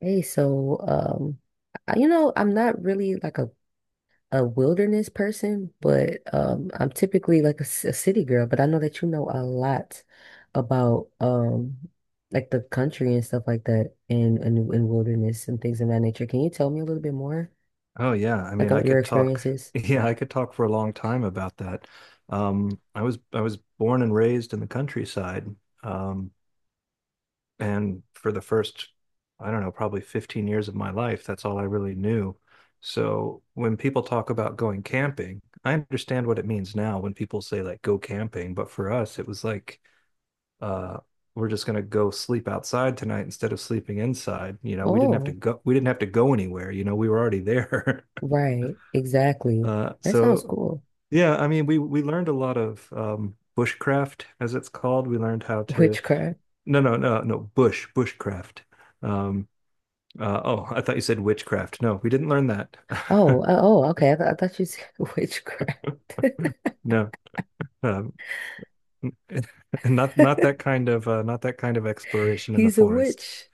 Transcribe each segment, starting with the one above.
Hey, I'm not really a wilderness person, but I'm typically like a city girl. But I know that you know a lot about like the country and stuff like that, and and wilderness and things of that nature. Can you tell me a little bit more, Oh yeah, I like mean I on your could talk experiences? yeah, I could talk for a long time about that. I was born and raised in the countryside. Um and for the first, I don't know, probably 15 years of my life, that's all I really knew. So when people talk about going camping, I understand what it means now when people say like go camping, but for us it was like uh we're just going to go sleep outside tonight instead of sleeping inside. We didn't have to Oh, go we didn't have to go anywhere, we were already there. right, exactly. Uh, That sounds so cool. Yeah, I mean, we learned a lot of bushcraft, as it's called. We learned how to. Witchcraft. No, no, no, no, bushcraft. Um, oh, I thought you said witchcraft. No, we didn't learn that. Oh, oh, okay. I thought you said witchcraft. No, um, not that kind of exploration in the He's a forest. witch.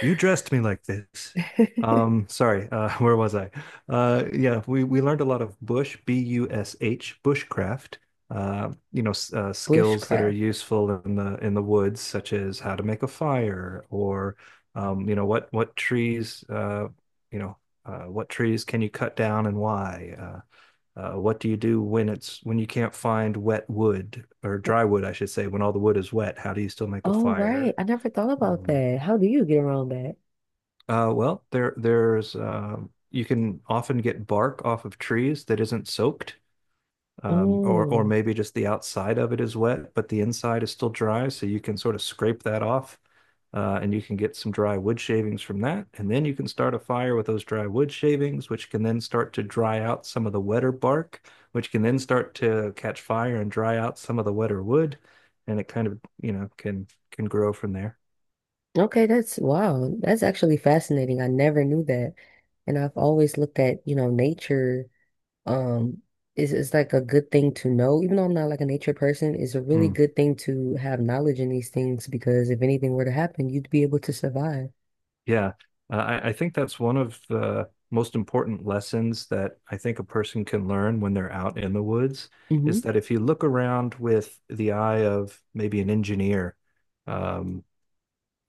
You dressed me like this. Sorry. Where was I? Yeah, we learned a lot of bush, bush, bushcraft. Skills that are Bushcraft. useful in the woods, such as how to make a fire. Or um, you know, what what trees, uh, you know, what trees can you cut down and why? What do you do when it's when you can't find wet wood or dry wood, I should say, when all the wood is wet? How do you still make a Oh, right. fire? I never thought about Um, that. How do you get around that? Well, there there's you can often get bark off of trees that isn't soaked. Or Oh. maybe just the outside of it is wet, but the inside is still dry, so you can sort of scrape that off, and you can get some dry wood shavings from that, and then you can start a fire with those dry wood shavings, which can then start to dry out some of the wetter bark, which can then start to catch fire and dry out some of the wetter wood, and it kind of, can grow from there. Okay, that's wow. That's actually fascinating. I never knew that. And I've always looked at, you know, nature, um, is like a good thing to know. Even though I'm not like a nature person, it's a really Mm. good thing to have knowledge in these things because if anything were to happen, you'd be able to survive. Yeah, I think that's one of the most important lessons that I think a person can learn when they're out in the woods Mm-hmm. is that if you look around with the eye of maybe an engineer, um,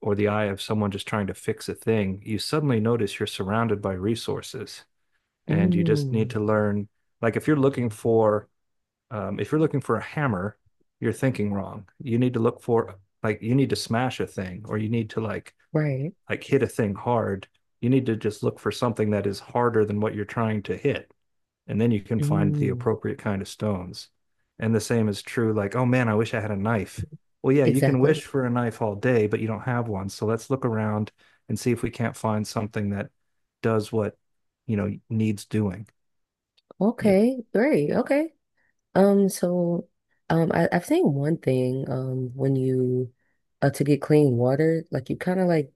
or the eye of someone just trying to fix a thing, you suddenly notice you're surrounded by resources and you just need Mm. to learn. Like if you're looking for a hammer, you're thinking wrong. You need to look for, like, you need to smash a thing, or you need to like Right. Hit a thing hard. You need to just look for something that is harder than what you're trying to hit. And then you can find the Mm. appropriate kind of stones. And the same is true, like, oh man, I wish I had a knife. Well, yeah, you can Exactly. wish for a knife all day, but you don't have one. So let's look around and see if we can't find something that does what needs doing. Yeah. Okay, great. Okay. Um, so I've seen one thing, when you to get clean water, like you kinda like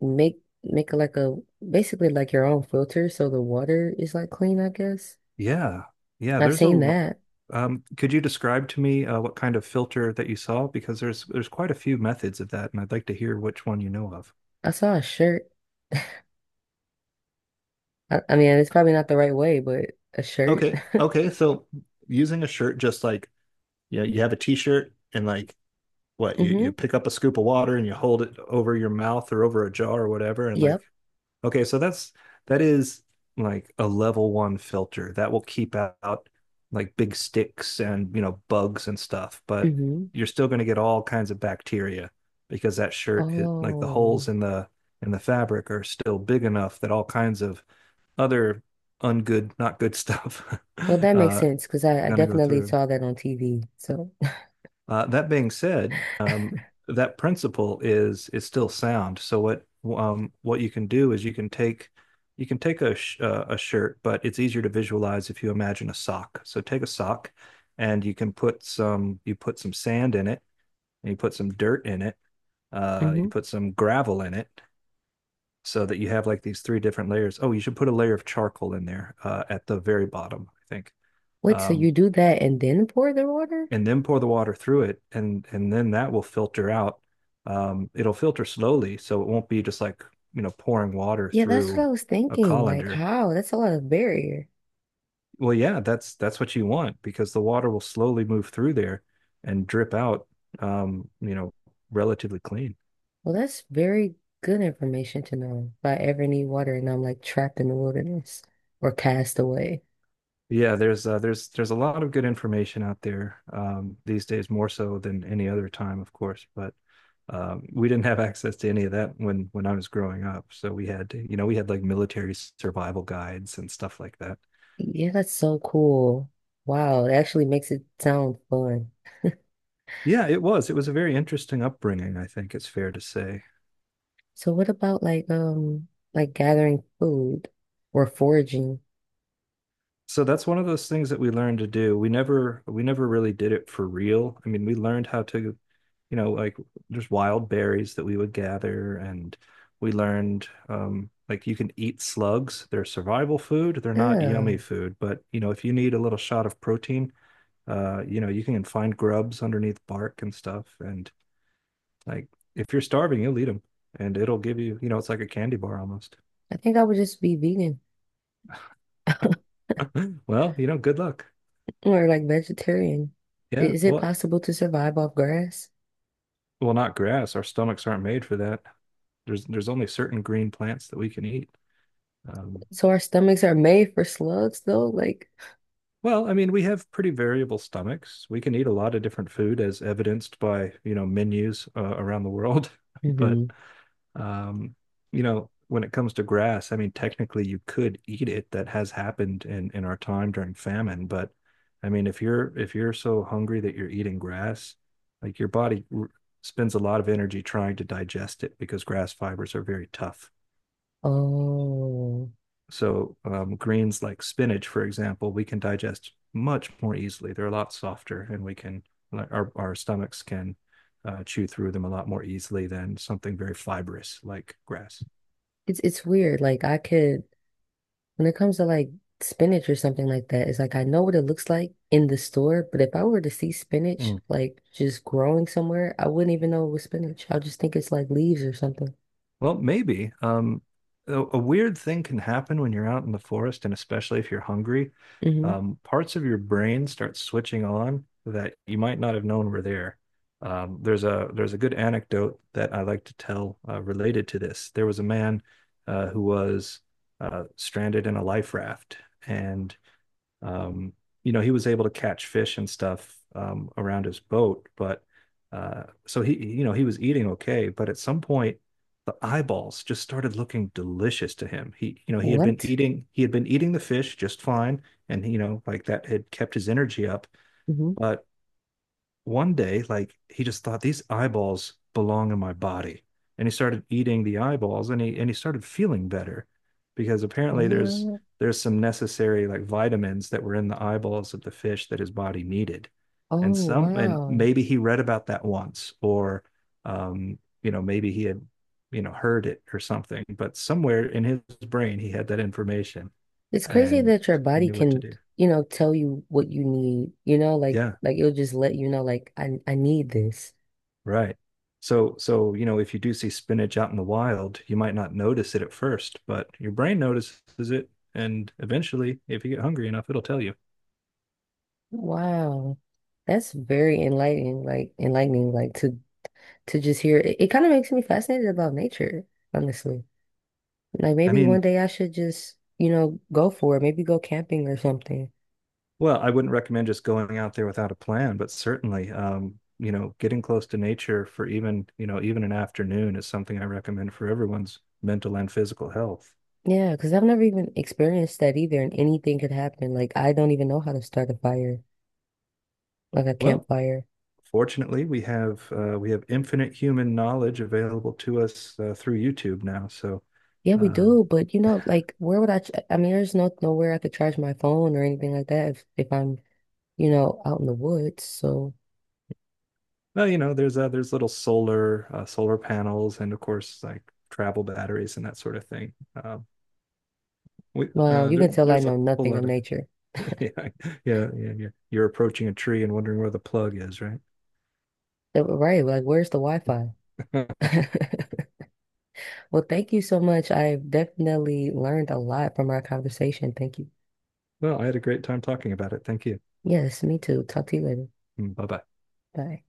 make like a basically like your own filter so the water is like clean, I guess. Yeah. Yeah. I've There's a seen lot. that. Could you describe to me what kind of filter that you saw? Because there's quite a few methods of that, and I'd like to hear which one you know of. I saw a shirt. I mean it's probably not the right way, but a shirt. Okay. Okay. So using a shirt, just like, yeah, you have a t-shirt, and like what you Mm-hmm. pick up a scoop of water and you hold it over your mouth or over a jar or whatever. And like, Yep. okay, so that is like a level one filter that will keep out like big sticks and bugs and stuff, but Mm-hmm. you're still going to get all kinds of bacteria because that shirt, it like the Oh. holes in the fabric are still big enough that all kinds of other ungood, not good stuff Well that makes uh, sense because I going to go definitely through. saw that on TV. So That being said, that principle is still sound. So what you can do is you can take a a shirt, but it's easier to visualize if you imagine a sock. So take a sock, and you put some sand in it, and you put some dirt in it, you hmm. put some gravel in it, so that you have like these three different layers. Oh, you should put a layer of charcoal in there at the very bottom, I think. Wait, so Um, you do that and then pour the water? and then pour the water through it, and then that will filter out. It'll filter slowly, so it won't be just like pouring water Yeah, that's what I through was a thinking. Like, colander. how? That's a lot of barrier. Well, yeah, that's what you want because the water will slowly move through there and drip out. Um, you know, Relatively clean. Well, that's very good information to know if I ever need water and I'm like trapped in the wilderness or cast away. Yeah, there's a lot of good information out there these days, more so than any other time, of course. But we didn't have access to any of that when I was growing up. So we had like military survival guides and stuff like that. Yeah, that's so cool. Wow, it actually makes it sound fun. Yeah, it was. It was a very interesting upbringing, I think it's fair to say. So what about like gathering food or foraging? So that's one of those things that we learned to do. We never really did it for real. I mean, we learned how to, like there's wild berries that we would gather. And we learned like you can eat slugs. They're survival food. They're not Yeah, yummy food, but, if you need a little shot of protein, you can find grubs underneath bark and stuff, and like if you're starving, you'll eat them, and it'll give you, it's like a candy bar almost. I think I would just be vegan Well, good luck. or like vegetarian. I- Yeah. Is it Well, possible to survive off grass? well, not grass. Our stomachs aren't made for that. There's only certain green plants that we can eat. Um, So our stomachs are made for slugs though, like. well, I mean, we have pretty variable stomachs. We can eat a lot of different food, as evidenced by menus around the world. But um, when it comes to grass, I mean, technically you could eat it. That has happened in our time during famine. But I mean, if you're so hungry that you're eating grass, like your body spends a lot of energy trying to digest it because grass fibers are very tough. Oh, So greens like spinach, for example, we can digest much more easily. They're a lot softer, and we can, like, our stomachs can chew through them a lot more easily than something very fibrous like grass. It's weird. Like I could, when it comes to like spinach or something like that, it's like I know what it looks like in the store, but if I were to see spinach Mm. like just growing somewhere, I wouldn't even know it was spinach. I'll just think it's like leaves or something. Well, maybe. A weird thing can happen when you're out in the forest, and especially if you're hungry. Hmm. Parts of your brain start switching on that you might not have known were there. There's a there's a good anecdote that I like to tell related to this. There was a man who was stranded in a life raft, and um, he was able to catch fish and stuff around his boat. But so he was eating okay. But at some point, the eyeballs just started looking delicious to him. What? He had been eating the fish just fine, and, like that had kept his energy up. Hmm. But one day, like he just thought these eyeballs belong in my body. And he started eating the eyeballs, and he started feeling better because apparently there's What? there's some necessary, like, vitamins that were in the eyeballs of the fish that his body needed. And Oh, some and wow. maybe he read about that once, or maybe he had, heard it or something, but somewhere in his brain he had that information It's crazy and that your he body knew what to can, do. you know, tell you what you need, you know, Yeah. like it'll just let you know like I need this. Right. So, if you do see spinach out in the wild, you might not notice it at first, but your brain notices it. And eventually, if you get hungry enough, it'll tell you. Wow. That's very enlightening, like to just hear it, it kind of makes me fascinated about nature, honestly. Like I maybe one mean, day I should just, you know, go for it, maybe go camping or something. well, I wouldn't recommend just going out there without a plan, but certainly, getting close to nature for even, even an afternoon is something I recommend for everyone's mental and physical health. Yeah, because I've never even experienced that either, and anything could happen. Like I don't even know how to start a fire, like a Well, campfire. fortunately, we have infinite human knowledge available to us through YouTube now. So. Yeah, we um, do, but you know, like where would I mean, there's no nowhere I could charge my phone or anything like that if I'm, you know, out in the woods. So, Well, there's little solar solar panels, and of course like travel batteries and that sort of thing. Um, wow, you can tell I there's a know whole nothing of lot of nature. yeah, yeah, yeah, yeah. You're approaching a tree and wondering where the plug is, right? Right, like where's the Wi-Fi? Well, thank you so much. I've definitely learned a lot from our conversation. Thank you. Well, I had a great time talking about it. Thank you. Yes, me too. Talk to you later. Bye bye. Bye.